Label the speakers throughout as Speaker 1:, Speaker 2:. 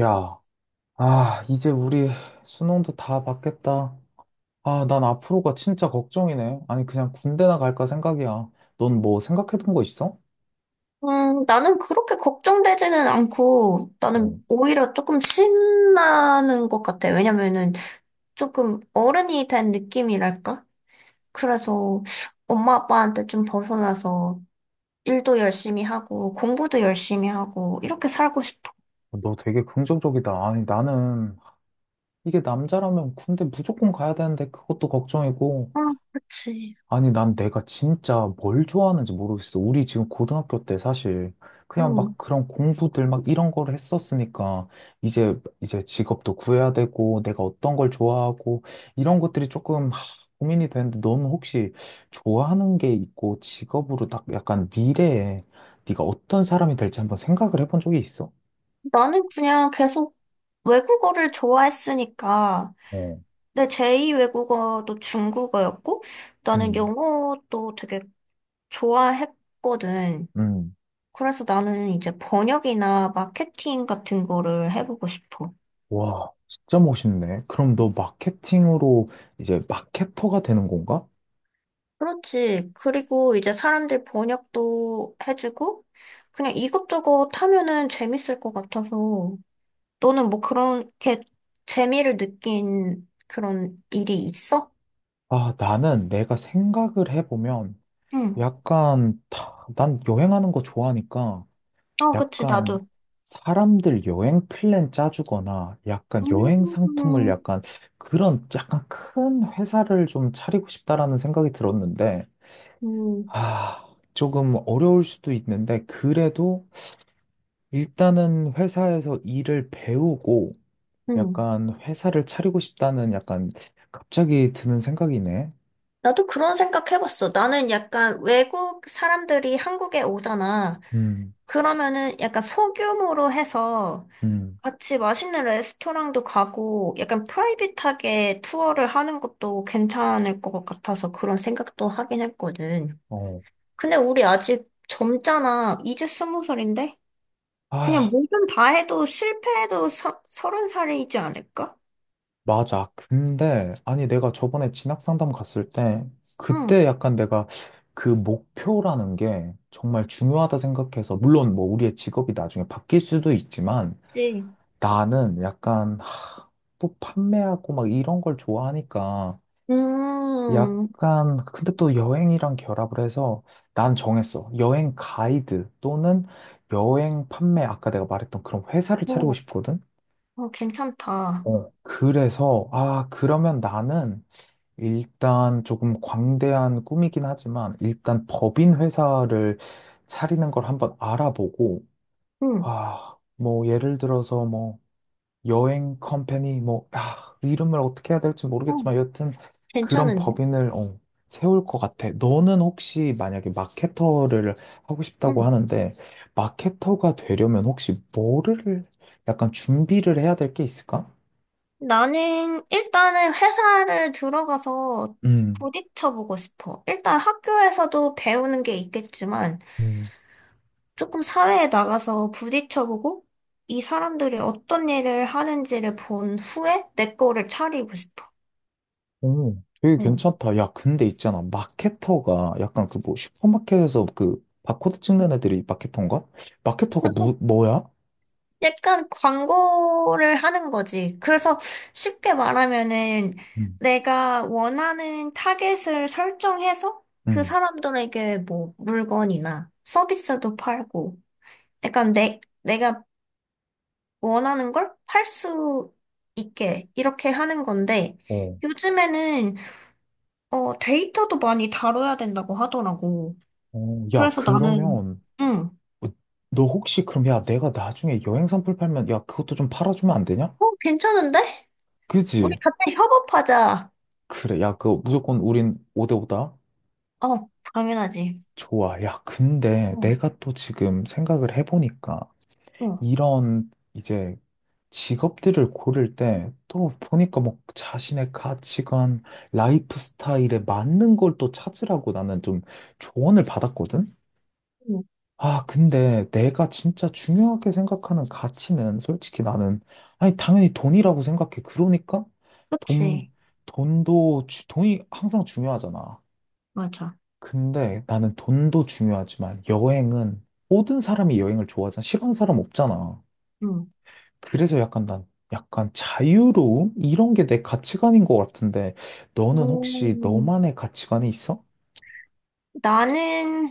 Speaker 1: 야, 아, 이제 우리 수능도 다 봤겠다. 아, 난 앞으로가 진짜 걱정이네. 아니, 그냥 군대나 갈까 생각이야. 넌 뭐 생각해둔 거 있어?
Speaker 2: 나는 그렇게 걱정되지는 않고,
Speaker 1: 어,
Speaker 2: 나는 오히려 조금 신나는 것 같아. 왜냐면은 조금 어른이 된 느낌이랄까? 그래서 엄마 아빠한테 좀 벗어나서 일도 열심히 하고, 공부도 열심히 하고, 이렇게 살고 싶어.
Speaker 1: 너 되게 긍정적이다. 아니, 나는 이게 남자라면 군대 무조건 가야 되는데 그것도 걱정이고,
Speaker 2: 아, 그치.
Speaker 1: 아니, 난 내가 진짜 뭘 좋아하는지 모르겠어. 우리 지금 고등학교 때 사실 그냥 막
Speaker 2: 음,
Speaker 1: 그런 공부들 막 이런 거를 했었으니까 이제 이제 직업도 구해야 되고 내가 어떤 걸 좋아하고 이런 것들이 조금 하, 고민이 되는데 너는 혹시 좋아하는 게 있고 직업으로 딱 약간 미래에 네가 어떤 사람이 될지 한번 생각을 해본 적이 있어?
Speaker 2: 나는 그냥 계속 외국어를 좋아했으니까,
Speaker 1: 어.
Speaker 2: 내 제2 외국어도 중국어였고, 나는
Speaker 1: 음,
Speaker 2: 영어도 되게 좋아했거든.
Speaker 1: 음.
Speaker 2: 그래서 나는 이제 번역이나 마케팅 같은 거를 해보고 싶어.
Speaker 1: 와, 진짜 멋있네. 그럼 너 마케팅으로 이제 마케터가 되는 건가?
Speaker 2: 그렇지. 그리고 이제 사람들 번역도 해주고, 그냥 이것저것 하면은 재밌을 것 같아서, 너는 뭐 그렇게 재미를 느낀 그런 일이 있어?
Speaker 1: 아, 나는 내가 생각을 해보면
Speaker 2: 응.
Speaker 1: 약간 난 여행하는 거 좋아하니까
Speaker 2: 어, 그치,
Speaker 1: 약간
Speaker 2: 나도.
Speaker 1: 사람들 여행 플랜 짜주거나 약간
Speaker 2: 음,
Speaker 1: 여행 상품을
Speaker 2: 음,
Speaker 1: 약간 그런 약간 큰 회사를 좀 차리고 싶다라는 생각이 들었는데
Speaker 2: 음.
Speaker 1: 아, 조금 어려울 수도 있는데 그래도 일단은 회사에서 일을 배우고
Speaker 2: 음.
Speaker 1: 약간 회사를 차리고 싶다는 약간 갑자기 드는 생각이네.
Speaker 2: 나도 그런 생각 해봤어. 나는 약간 외국 사람들이 한국에 오잖아.
Speaker 1: 음,
Speaker 2: 그러면은 약간 소규모로 해서
Speaker 1: 음.
Speaker 2: 같이 맛있는 레스토랑도 가고 약간 프라이빗하게 투어를 하는 것도 괜찮을 것 같아서 그런 생각도 하긴 했거든.
Speaker 1: 어.
Speaker 2: 근데 우리 아직 젊잖아. 이제 스무 살인데? 그냥
Speaker 1: 아,
Speaker 2: 뭐든 다 해도 실패해도 서른 살이지 않을까?
Speaker 1: 맞아. 근데, 아니, 내가 저번에 진학 상담 갔을 때,
Speaker 2: 응,
Speaker 1: 그때 약간 내가 그 목표라는 게 정말 중요하다 생각해서, 물론 뭐 우리의 직업이 나중에 바뀔 수도 있지만,
Speaker 2: 그치.
Speaker 1: 나는 약간, 하, 또 판매하고 막 이런 걸 좋아하니까,
Speaker 2: 음,
Speaker 1: 약간, 근데 또 여행이랑 결합을 해서 난 정했어. 여행 가이드 또는 여행 판매, 아까 내가 말했던 그런 회사를 차리고
Speaker 2: 어,
Speaker 1: 싶거든?
Speaker 2: 어, 괜찮다.
Speaker 1: 어, 그래서, 아, 그러면 나는, 일단 조금 광대한 꿈이긴 하지만 일단 법인 회사를 차리는 걸 한번 알아보고
Speaker 2: 응,
Speaker 1: 아, 뭐 예를 들어서 뭐 여행 컴퍼니 뭐 아, 이름을 어떻게 해야 될지
Speaker 2: 어,
Speaker 1: 모르겠지만 여튼 그런
Speaker 2: 괜찮은데?
Speaker 1: 법인을 어, 세울 것 같아. 너는 혹시 만약에 마케터를 하고 싶다고
Speaker 2: 응.
Speaker 1: 하는데 마케터가 되려면 혹시 뭐를 약간 준비를 해야 될 게 있을까?
Speaker 2: 나는 일단은 회사를 들어가서
Speaker 1: 음.
Speaker 2: 부딪혀보고 싶어. 일단 학교에서도 배우는 게 있겠지만 조금 사회에 나가서 부딪혀보고 이 사람들이 어떤 일을 하는지를 본 후에 내 거를 차리고 싶어.
Speaker 1: 오, 되게
Speaker 2: 어.
Speaker 1: 괜찮다. 야, 근데 있잖아. 마케터가 약간 그 뭐 슈퍼마켓에서 그 바코드 찍는 애들이 마케터인가? 마케터가 뭐야?
Speaker 2: 약간 광고를 하는 거지. 그래서 쉽게 말하면은
Speaker 1: 음,
Speaker 2: 내가 원하는 타겟을 설정해서 그
Speaker 1: 음,
Speaker 2: 사람들에게 뭐 물건이나 서비스도 팔고 약간 내가 원하는 걸 팔 수 있게 이렇게 하는 건데
Speaker 1: 어.
Speaker 2: 요즘에는 데이터도 많이 다뤄야 된다고 하더라고.
Speaker 1: 어, 야,
Speaker 2: 그래서 나는
Speaker 1: 그러면
Speaker 2: 응.
Speaker 1: 어, 너 혹시 그럼 야, 내가 나중에 여행 선풀 팔면 야, 그것도 좀 팔아주면 안 되냐?
Speaker 2: 어, 괜찮은데? 우리
Speaker 1: 그지?
Speaker 2: 같이 협업하자.
Speaker 1: 그래. 야, 그거 무조건 우린 5대5다.
Speaker 2: 어, 당연하지.
Speaker 1: 좋아. 야, 근데
Speaker 2: 어,
Speaker 1: 내가 또 지금 생각을 해보니까
Speaker 2: 어,
Speaker 1: 이런 이제 직업들을 고를 때 또 보니까 뭐 자신의 가치관, 라이프 스타일에 맞는 걸 또 찾으라고 나는 좀 조언을 받았거든?
Speaker 2: 응.
Speaker 1: 아, 근데 내가 진짜 중요하게 생각하는 가치는 솔직히 나는, 아니, 당연히 돈이라고 생각해. 그러니까 돈,
Speaker 2: 그치.
Speaker 1: 돈도, 돈이 항상 중요하잖아.
Speaker 2: 맞아.
Speaker 1: 근데 나는 돈도 중요하지만 여행은 모든 사람이 여행을 좋아하잖아. 싫어하는 사람 없잖아.
Speaker 2: 응.
Speaker 1: 그래서 약간 난 약간 자유로움? 이런 게 내 가치관인 것 같은데 너는 혹시
Speaker 2: 음,
Speaker 1: 너만의 가치관이 있어?
Speaker 2: 나는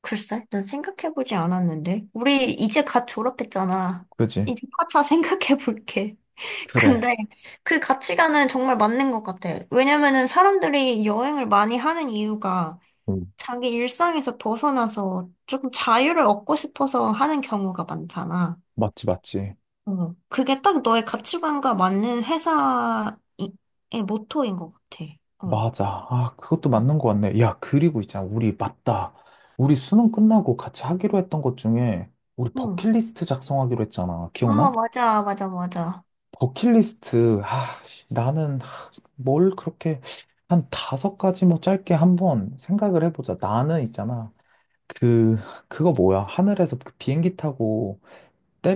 Speaker 2: 글쎄, 난 생각해보지 않았는데. 우리 이제 갓 졸업했잖아.
Speaker 1: 그지?
Speaker 2: 이제 차차 생각해볼게.
Speaker 1: 그래.
Speaker 2: 근데 그 가치관은 정말 맞는 것 같아. 왜냐면은 사람들이 여행을 많이 하는 이유가
Speaker 1: 음.
Speaker 2: 자기 일상에서 벗어나서 조금 자유를 얻고 싶어서 하는 경우가 많잖아.
Speaker 1: 맞지, 맞지.
Speaker 2: 어, 그게 딱 너의 가치관과 맞는 회사의 모토인 것 같아. 어.
Speaker 1: 맞아. 아, 그것도
Speaker 2: 응.
Speaker 1: 맞는 것 같네. 야, 그리고 있잖아. 우리 맞다. 우리 수능 끝나고 같이 하기로 했던 것 중에 우리
Speaker 2: 응.
Speaker 1: 버킷리스트 작성하기로 했잖아.
Speaker 2: 아,
Speaker 1: 기억나?
Speaker 2: 맞아, 맞아, 맞아.
Speaker 1: 버킷리스트. 아, 씨, 나는 뭘 그렇게 한 5가지 뭐 짧게 한번 생각을 해보자. 나는 있잖아. 그, 그거 뭐야? 하늘에서 그 비행기 타고,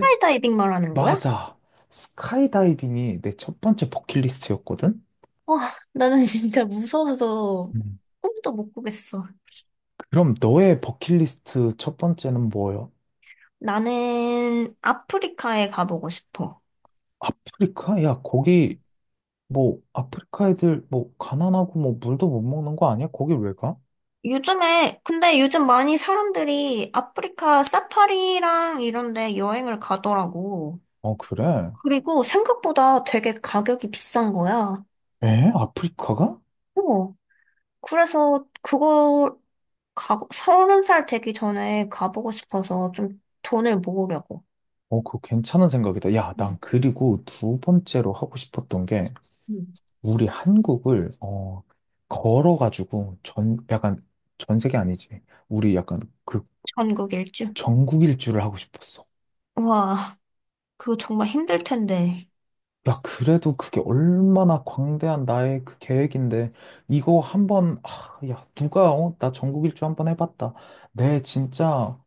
Speaker 2: 프 이다이빙 말하는 거야?
Speaker 1: 맞아. 스카이다이빙이 내 첫 번째 버킷리스트였거든?
Speaker 2: 와, 나는 진짜 무서워서
Speaker 1: 음.
Speaker 2: 꿈도 못 꾸겠어.
Speaker 1: 그럼 너의 버킷리스트 첫 번째는 뭐예요?
Speaker 2: 나는 아프리카에 가보고 싶어.
Speaker 1: 아프리카? 야, 거기, 뭐, 아프리카 애들, 뭐, 가난하고, 뭐, 물도 못 먹는 거 아니야? 거기 왜 가?
Speaker 2: 요즘에, 근데 요즘 많이 사람들이 아프리카 사파리랑 이런 데 여행을 가더라고.
Speaker 1: 어, 그래?
Speaker 2: 그리고 생각보다 되게 가격이 비싼 거야.
Speaker 1: 에? 아프리카가?
Speaker 2: 어. 그래서 그거 서른 살 되기 전에 가보고 싶어서 좀 돈을 모으려고.
Speaker 1: 어, 그거 괜찮은 생각이다. 야, 난
Speaker 2: 음,
Speaker 1: 그리고 두 번째로 하고 싶었던 게,
Speaker 2: 음.
Speaker 1: 우리 한국을 어 걸어가지고 전 약간 전 세계 아니지. 우리 약간 그
Speaker 2: 전국 일주.
Speaker 1: 전국 일주를 하고 싶었어.
Speaker 2: 와, 그거 정말 힘들 텐데.
Speaker 1: 야, 그래도 그게 얼마나 광대한 나의 그 계획인데 이거 한번 아, 야, 누가 어, 나 전국 일주 한번 해봤다. 내 진짜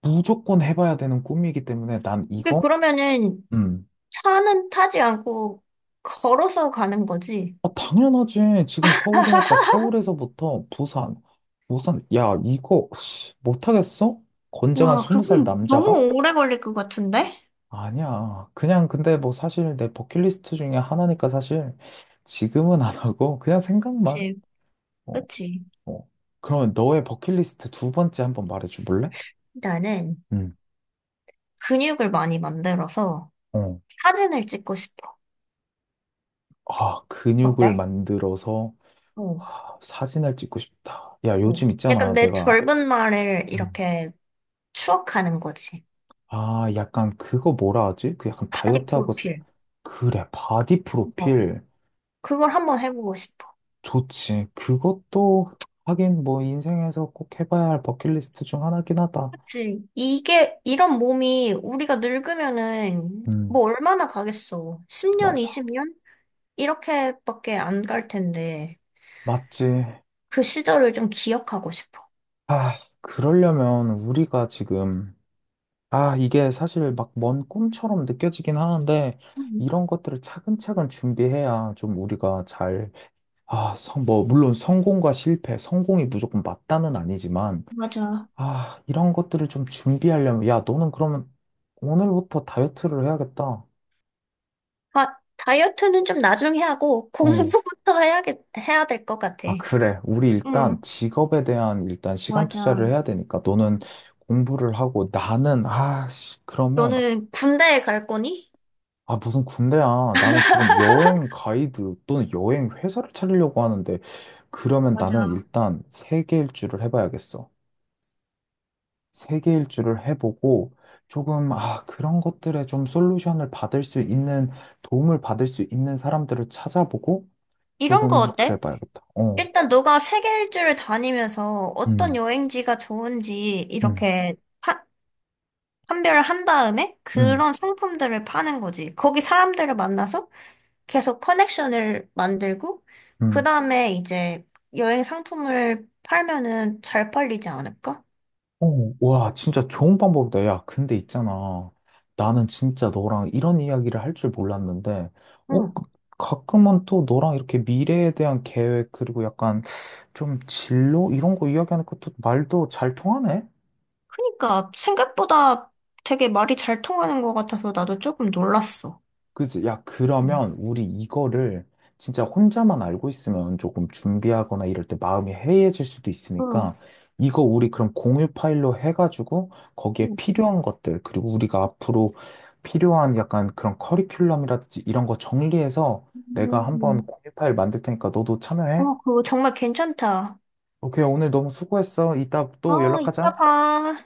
Speaker 1: 무조건 해봐야 되는 꿈이기 때문에 난
Speaker 2: 근데
Speaker 1: 이거
Speaker 2: 그러면은
Speaker 1: 음.
Speaker 2: 차는 타지 않고 걸어서 가는 거지.
Speaker 1: 아, 당연하지. 지금 서울이니까 서울에서부터 부산, 부산, 야, 이거 씨, 못하겠어? 건장한
Speaker 2: 와,
Speaker 1: 20살
Speaker 2: 그러면
Speaker 1: 남자가?
Speaker 2: 너무 오래 걸릴 것 같은데?
Speaker 1: 아니야. 그냥 근데 뭐 사실 내 버킷리스트 중에 하나니까 사실 지금은 안 하고 그냥 생각만.
Speaker 2: 그치,
Speaker 1: 어,
Speaker 2: 그치.
Speaker 1: 어. 그러면 너의 버킷리스트 두 번째 한번 말해줘 볼래?
Speaker 2: 나는
Speaker 1: 응.
Speaker 2: 근육을 많이 만들어서
Speaker 1: 어.
Speaker 2: 사진을 찍고 싶어.
Speaker 1: 아, 근육을
Speaker 2: 어때?
Speaker 1: 만들어서
Speaker 2: 어,
Speaker 1: 아, 사진을 찍고 싶다. 야,
Speaker 2: 어.
Speaker 1: 요즘
Speaker 2: 약간
Speaker 1: 있잖아.
Speaker 2: 내
Speaker 1: 내가
Speaker 2: 젊은 날을
Speaker 1: 음.
Speaker 2: 이렇게 추억하는 거지.
Speaker 1: 아, 약간 그거 뭐라 하지? 그 약간
Speaker 2: 바디
Speaker 1: 다이어트하고
Speaker 2: 프로필.
Speaker 1: 그래. 바디
Speaker 2: 어.
Speaker 1: 프로필
Speaker 2: 그걸 한번 해보고 싶어.
Speaker 1: 좋지. 그것도 하긴 뭐 인생에서 꼭 해봐야 할 버킷리스트 중 하나긴 하다.
Speaker 2: 그치. 이게, 이런 몸이 우리가 늙으면은
Speaker 1: 음.
Speaker 2: 뭐 얼마나 가겠어. 10년,
Speaker 1: 맞아.
Speaker 2: 20년? 이렇게밖에 안 갈 텐데.
Speaker 1: 맞지.
Speaker 2: 그 시절을 좀 기억하고 싶어.
Speaker 1: 아, 그러려면 우리가 지금, 아, 이게 사실 막 먼 꿈처럼 느껴지긴 하는데,
Speaker 2: 음,
Speaker 1: 이런 것들을 차근차근 준비해야 좀 우리가 잘, 아, 성, 뭐, 물론 성공과 실패, 성공이 무조건 맞다는 아니지만,
Speaker 2: 맞아.
Speaker 1: 아, 이런 것들을 좀 준비하려면, 야, 너는 그러면 오늘부터 다이어트를 해야겠다.
Speaker 2: 아, 다이어트는 좀 나중에 하고,
Speaker 1: 어.
Speaker 2: 공부부터 해야 될 것 같아.
Speaker 1: 아, 그래. 우리 일단
Speaker 2: 응,
Speaker 1: 직업에 대한 일단 시간 투자를
Speaker 2: 맞아.
Speaker 1: 해야 되니까, 너는 공부를 하고, 나는, 아, 씨, 그러면,
Speaker 2: 너는 군대에 갈 거니?
Speaker 1: 아, 무슨 군대야. 나는 지금 여행 가이드 또는 여행 회사를 차리려고 하는데, 그러면 나는
Speaker 2: 맞아.
Speaker 1: 일단 세계 일주를 해봐야겠어. 세계 일주를 해보고, 조금, 아, 그런 것들에 좀 솔루션을 받을 수 있는, 도움을 받을 수 있는 사람들을 찾아보고,
Speaker 2: 이런 거
Speaker 1: 조금 그래
Speaker 2: 어때?
Speaker 1: 봐야겠다. 어,
Speaker 2: 일단 너가 세계 일주를 다니면서 어떤
Speaker 1: 음,
Speaker 2: 여행지가 좋은지
Speaker 1: 음,
Speaker 2: 이렇게 파- 판별을 한 다음에
Speaker 1: 음,
Speaker 2: 그런 상품들을 파는 거지. 거기 사람들을 만나서 계속 커넥션을 만들고 그
Speaker 1: 음.
Speaker 2: 다음에 이제 여행 상품을 팔면은 잘 팔리지 않을까?
Speaker 1: 어, 와, 진짜 좋은 방법이다. 야, 근데 있잖아. 나는 진짜 너랑 이런 이야기를 할 줄 몰랐는데, 어, 가끔은 또 너랑 이렇게 미래에 대한 계획, 그리고 약간 좀 진로? 이런 거 이야기하는 것도 말도 잘 통하네?
Speaker 2: 그러니까 생각보다 되게 말이 잘 통하는 것 같아서 나도 조금 놀랐어.
Speaker 1: 그지? 야,
Speaker 2: 음.
Speaker 1: 그러면 우리 이거를 진짜 혼자만 알고 있으면 조금 준비하거나 이럴 때 마음이 해이해질 수도
Speaker 2: 응.
Speaker 1: 있으니까 이거 우리 그럼 공유 파일로 해가지고 거기에
Speaker 2: 응.
Speaker 1: 필요한 것들, 그리고 우리가 앞으로 필요한 약간 그런 커리큘럼이라든지 이런 거 정리해서 내가 한번
Speaker 2: 음.
Speaker 1: 공유 파일 만들 테니까 너도 참여해.
Speaker 2: 어, 그거 정말 괜찮다.
Speaker 1: 오케이, 오늘 너무 수고했어. 이따 또
Speaker 2: 어, 이따
Speaker 1: 연락하자.
Speaker 2: 봐.